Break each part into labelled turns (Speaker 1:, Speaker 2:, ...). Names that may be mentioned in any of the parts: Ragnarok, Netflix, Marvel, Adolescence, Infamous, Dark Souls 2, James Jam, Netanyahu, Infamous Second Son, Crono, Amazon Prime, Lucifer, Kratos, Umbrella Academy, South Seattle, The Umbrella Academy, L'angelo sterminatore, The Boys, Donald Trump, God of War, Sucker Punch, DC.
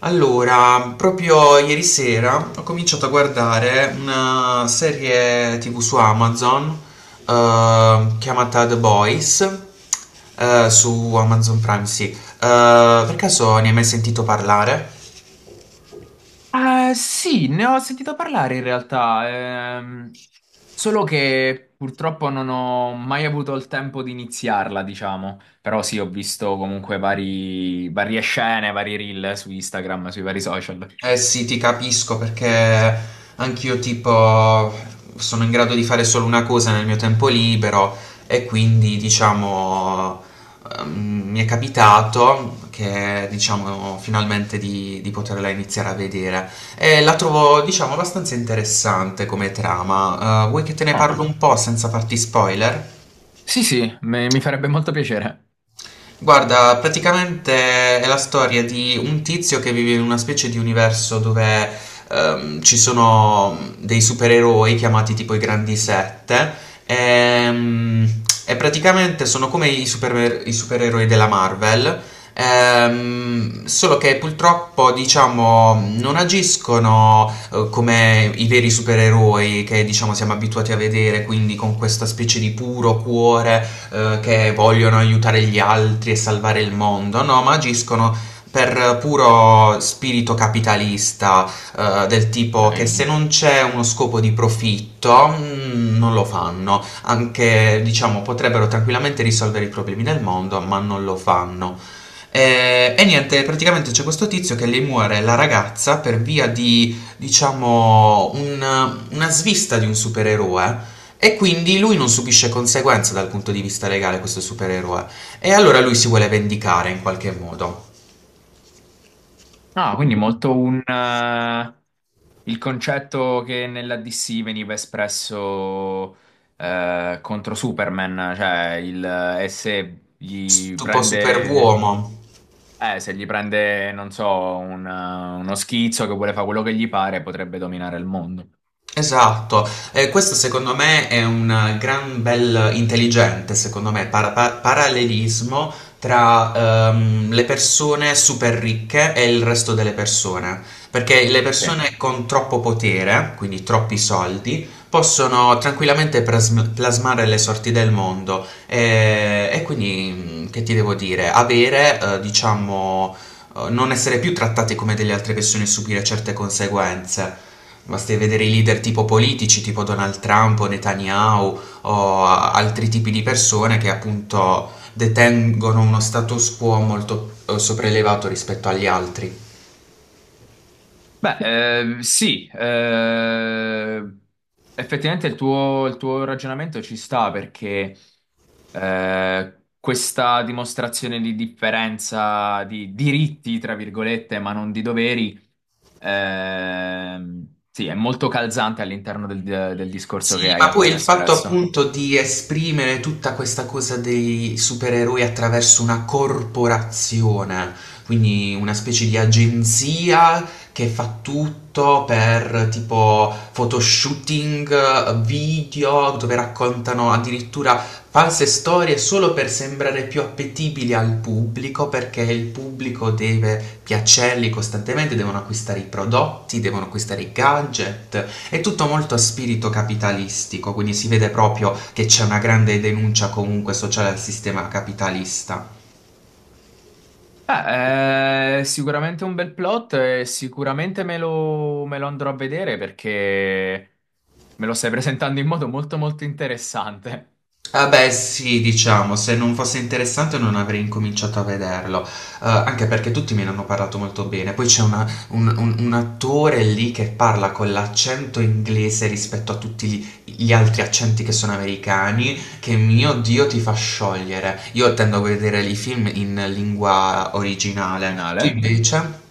Speaker 1: Allora, proprio ieri sera ho cominciato a guardare una serie TV su Amazon, chiamata The Boys, su Amazon Prime, sì. Per caso ne hai mai sentito parlare?
Speaker 2: Sì, ne ho sentito parlare in realtà, solo che purtroppo non ho mai avuto il tempo di iniziarla, diciamo. Però sì, ho visto comunque varie scene, vari reel su Instagram, sui vari social.
Speaker 1: Eh sì, ti capisco perché anch'io tipo sono in grado di fare solo una cosa nel mio tempo libero e quindi diciamo mi è capitato che diciamo finalmente di poterla iniziare a vedere e la trovo diciamo abbastanza interessante come trama. Vuoi che te ne
Speaker 2: Ah.
Speaker 1: parlo un po' senza farti spoiler?
Speaker 2: Sì, sì, mi farebbe molto piacere.
Speaker 1: Guarda, praticamente è la storia di un tizio che vive in una specie di universo dove ci sono dei supereroi chiamati tipo i Grandi Sette, ehm, e praticamente sono come i supereroi della Marvel, solo che purtroppo diciamo non agiscono, come i veri supereroi che diciamo siamo abituati a vedere, quindi con questa specie di puro cuore, che vogliono aiutare gli altri e salvare il mondo, no, ma agiscono per puro spirito capitalista, del tipo che
Speaker 2: Ok.
Speaker 1: se non c'è uno scopo di profitto non lo fanno, anche diciamo potrebbero tranquillamente risolvere i problemi del mondo, ma non lo fanno. E niente, praticamente c'è questo tizio che le muore la ragazza per via di, diciamo, una svista di un supereroe e quindi lui non subisce conseguenze dal punto di vista legale, questo supereroe. E allora lui si vuole vendicare in qualche modo.
Speaker 2: Ah, quindi molto il concetto che nella DC veniva espresso contro Superman, cioè e se gli
Speaker 1: Tipo
Speaker 2: prende,
Speaker 1: superuomo.
Speaker 2: non so, uno schizzo che vuole fare quello che gli pare, potrebbe dominare il mondo.
Speaker 1: Esatto, questo secondo me è un gran bel intelligente, secondo me, parallelismo tra le persone super ricche e il resto delle persone, perché le
Speaker 2: Sì.
Speaker 1: persone con troppo potere, quindi troppi soldi, possono tranquillamente plasmare le sorti del mondo e quindi, che ti devo dire, avere, diciamo, non essere più trattate come delle altre persone e subire certe conseguenze. Basti vedere i leader tipo politici, tipo Donald Trump o Netanyahu o altri tipi di persone che appunto detengono uno status quo molto sopraelevato rispetto agli altri.
Speaker 2: Beh, sì, effettivamente il tuo ragionamento ci sta perché questa dimostrazione di differenza di diritti, tra virgolette, ma non di doveri, sì, è molto calzante all'interno del discorso che
Speaker 1: Sì,
Speaker 2: hai
Speaker 1: ma poi
Speaker 2: appena
Speaker 1: il fatto
Speaker 2: espresso.
Speaker 1: appunto di esprimere tutta questa cosa dei supereroi attraverso una corporazione, quindi una specie di agenzia che fa tutto per tipo photoshooting, video, dove raccontano addirittura false storie solo per sembrare più appetibili al pubblico, perché il pubblico deve piacerli costantemente, devono acquistare i prodotti, devono acquistare i gadget. È tutto molto a spirito capitalistico, quindi si vede proprio che c'è una grande denuncia comunque sociale al sistema capitalista.
Speaker 2: Ah, è sicuramente un bel plot e sicuramente me lo andrò a vedere perché me lo stai presentando in modo molto molto interessante,
Speaker 1: Ah beh sì, diciamo, se non fosse interessante non avrei incominciato a vederlo. Anche perché tutti me ne hanno parlato molto bene. Poi c'è un attore lì che parla con l'accento inglese rispetto a tutti gli altri accenti che sono americani, che mio Dio ti fa sciogliere. Io tendo a vedere i film in lingua originale. Tu
Speaker 2: originale.
Speaker 1: invece?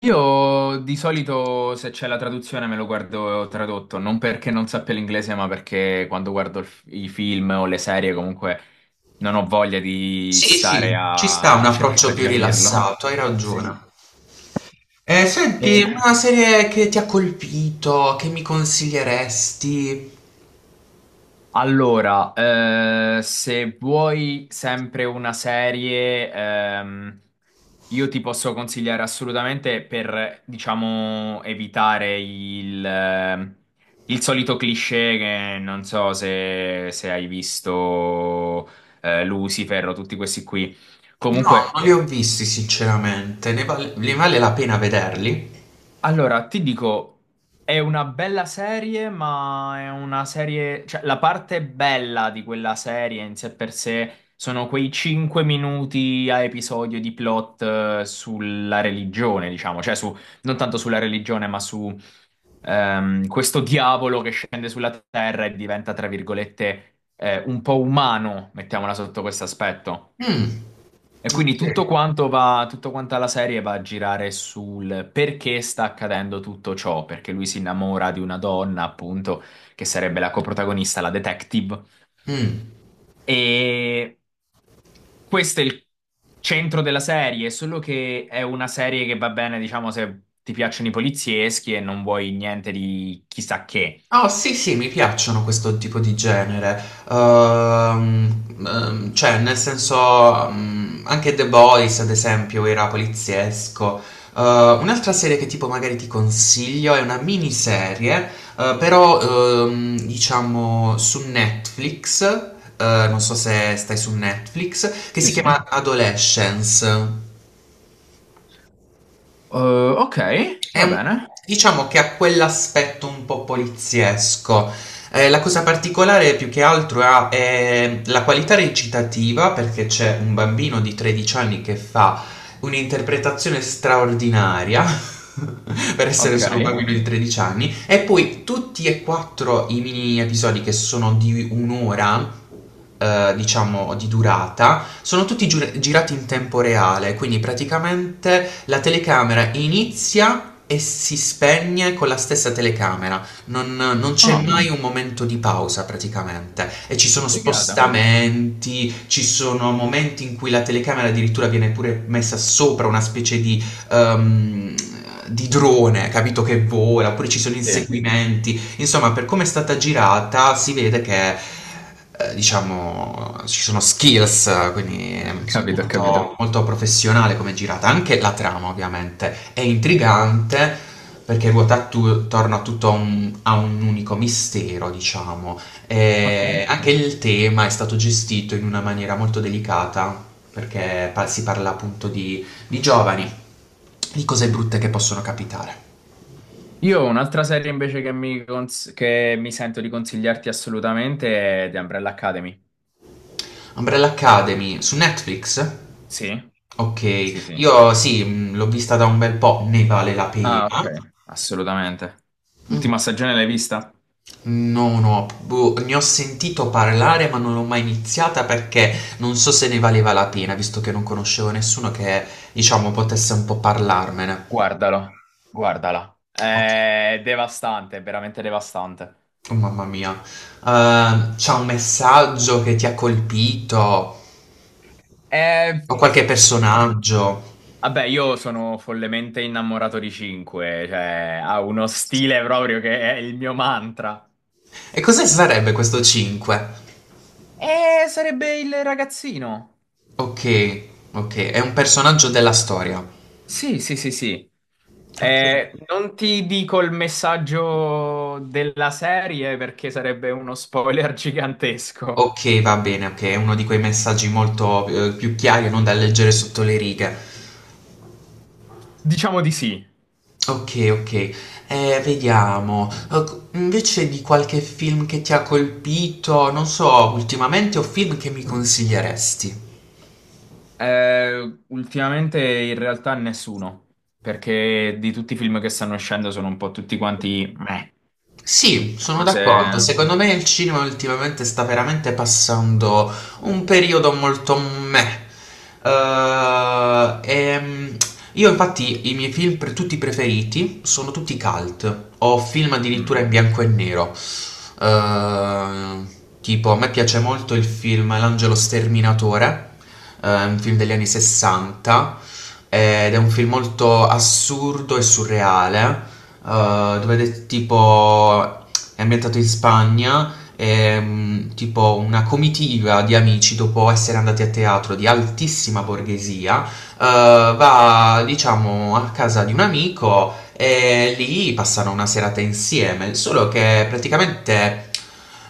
Speaker 2: Io di solito se c'è la traduzione me lo guardo tradotto, non perché non sappia l'inglese, ma perché quando guardo i film o le serie comunque non ho voglia di
Speaker 1: Sì, sì,
Speaker 2: stare
Speaker 1: ci sta un
Speaker 2: a
Speaker 1: approccio
Speaker 2: cercare di
Speaker 1: più
Speaker 2: capirlo.
Speaker 1: rilassato, hai ragione.
Speaker 2: Sì.
Speaker 1: Senti,
Speaker 2: E-
Speaker 1: una serie che ti ha colpito, che mi consiglieresti?
Speaker 2: Allora, se vuoi sempre una serie, io ti posso consigliare assolutamente per, diciamo, evitare il solito cliché che non so se hai visto, Lucifer o tutti questi qui.
Speaker 1: No, non
Speaker 2: Comunque.
Speaker 1: li ho visti sinceramente, ne vale la pena vederli?
Speaker 2: Allora, ti dico, è una bella serie, ma è una serie, cioè la parte bella di quella serie in sé per sé sono quei 5 minuti a episodio di plot sulla religione, diciamo, cioè su, non tanto sulla religione, ma su questo diavolo che scende sulla terra e diventa, tra virgolette, un po' umano, mettiamola sotto questo aspetto.
Speaker 1: Mm,
Speaker 2: E quindi
Speaker 1: sì.
Speaker 2: tutto quanto va, tutta quanta la serie va a girare sul perché sta accadendo tutto ciò, perché lui si innamora di una donna, appunto, che sarebbe la coprotagonista, la detective,
Speaker 1: Mm.
Speaker 2: e questo è il centro della serie, solo che è una serie che va bene, diciamo, se ti piacciono i polizieschi e non vuoi niente di chissà che.
Speaker 1: Oh sì, sì, mi piacciono questo tipo di genere. Cioè, nel senso, anche The Boys, ad esempio, era poliziesco. Eh, Un'altra serie che tipo magari ti consiglio è una miniserie, però diciamo su Netflix, non so se stai su Netflix, che
Speaker 2: Sì,
Speaker 1: si
Speaker 2: sì.
Speaker 1: chiama Adolescence.
Speaker 2: Ok,
Speaker 1: È
Speaker 2: va
Speaker 1: un,
Speaker 2: bene.
Speaker 1: diciamo che ha quell'aspetto un po' poliziesco. La cosa particolare più che altro ha, la qualità recitativa, perché c'è un bambino di 13 anni che fa un'interpretazione straordinaria. Per essere
Speaker 2: Ok.
Speaker 1: solo un bambino di 13 anni, e poi tutti e quattro i mini episodi che sono di un'ora, diciamo di durata, sono tutti girati in tempo reale, quindi praticamente la telecamera inizia e si spegne con la stessa telecamera, non c'è
Speaker 2: Ah,
Speaker 1: mai un momento di pausa praticamente e ci sono
Speaker 2: che figata.
Speaker 1: spostamenti, ci sono momenti in cui la telecamera addirittura viene pure messa sopra una specie ehm, di drone, capito che vola, oppure ci sono
Speaker 2: Sì,
Speaker 1: inseguimenti. Insomma, per come è stata girata, si vede che, diciamo, ci sono skills, quindi è
Speaker 2: capito,
Speaker 1: molto,
Speaker 2: capito.
Speaker 1: molto professionale come è girata. Anche la trama, ovviamente, è intrigante perché ruota attorno a tutto a un unico mistero, diciamo.
Speaker 2: Ok.
Speaker 1: E anche il tema è stato gestito in una maniera molto delicata, perché si parla appunto di giovani, di cose brutte che possono capitare.
Speaker 2: Io ho un'altra serie invece che che mi sento di consigliarti assolutamente è The Umbrella Academy.
Speaker 1: Umbrella Academy su Netflix?
Speaker 2: Sì? Sì,
Speaker 1: Ok,
Speaker 2: sì.
Speaker 1: io sì, l'ho vista da un bel po', ne vale la
Speaker 2: Ah,
Speaker 1: pena.
Speaker 2: ok, assolutamente.
Speaker 1: Mm,
Speaker 2: L'ultima stagione l'hai vista?
Speaker 1: no, no, boh, ne ho sentito parlare ma non l'ho mai iniziata perché non so se ne valeva la pena, visto che non conoscevo nessuno che, diciamo, potesse un po' parlarmene.
Speaker 2: Guardalo, guardala.
Speaker 1: Ok,
Speaker 2: È devastante, è veramente devastante.
Speaker 1: oh, mamma mia. C'è un messaggio che ti ha colpito?
Speaker 2: Eh,
Speaker 1: O qualche personaggio?
Speaker 2: Vabbè, io sono follemente innamorato di 5, cioè ha uno stile proprio che è il mio mantra.
Speaker 1: E cosa sarebbe questo 5?
Speaker 2: E sarebbe il ragazzino.
Speaker 1: Ok, ok, è un personaggio della storia.
Speaker 2: Sì, sì, sì, sì.
Speaker 1: Ok.
Speaker 2: Non ti dico il messaggio della serie perché sarebbe uno spoiler gigantesco.
Speaker 1: Ok, va bene, ok, è uno di quei messaggi molto, più chiari, non da leggere sotto le righe.
Speaker 2: Diciamo di sì.
Speaker 1: Ok, ok, vediamo. Invece di qualche film che ti ha colpito, non so, ultimamente o film che mi consiglieresti?
Speaker 2: Ultimamente in realtà nessuno, perché di tutti i film che stanno uscendo sono un po' tutti quanti meh,
Speaker 1: Sì, sono d'accordo.
Speaker 2: cose.
Speaker 1: Secondo me il cinema ultimamente sta veramente passando un periodo molto meh. Eh, ehm, io infatti i miei film tutti preferiti sono tutti cult o film addirittura
Speaker 2: Mm.
Speaker 1: in bianco e nero. Eh, tipo, a me piace molto il film L'angelo sterminatore, è un film degli anni 60 ed è un film molto assurdo e surreale, dove è tipo è ambientato in Spagna e, tipo una comitiva di amici dopo essere andati a teatro di altissima borghesia, va diciamo a casa di un amico e lì passano una serata insieme, solo che praticamente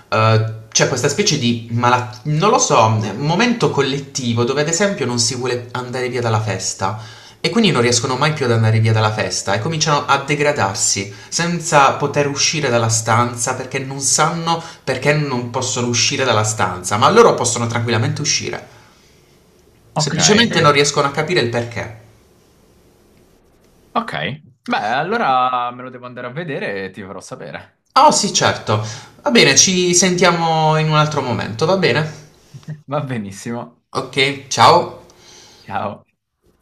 Speaker 1: c'è questa specie di malattia, non lo so, un momento collettivo dove ad esempio non si vuole andare via dalla festa e quindi non riescono mai più ad andare via dalla festa e cominciano a degradarsi senza poter uscire dalla stanza perché non sanno perché non possono uscire dalla stanza, ma loro possono tranquillamente uscire.
Speaker 2: Ok,
Speaker 1: Semplicemente perché non riescono a capire il perché.
Speaker 2: ok. Beh, allora me lo devo andare a vedere e ti farò sapere.
Speaker 1: Oh sì, certo. Va bene, ci sentiamo in un altro momento, va bene?
Speaker 2: Va benissimo.
Speaker 1: Ok, ciao.
Speaker 2: Ciao.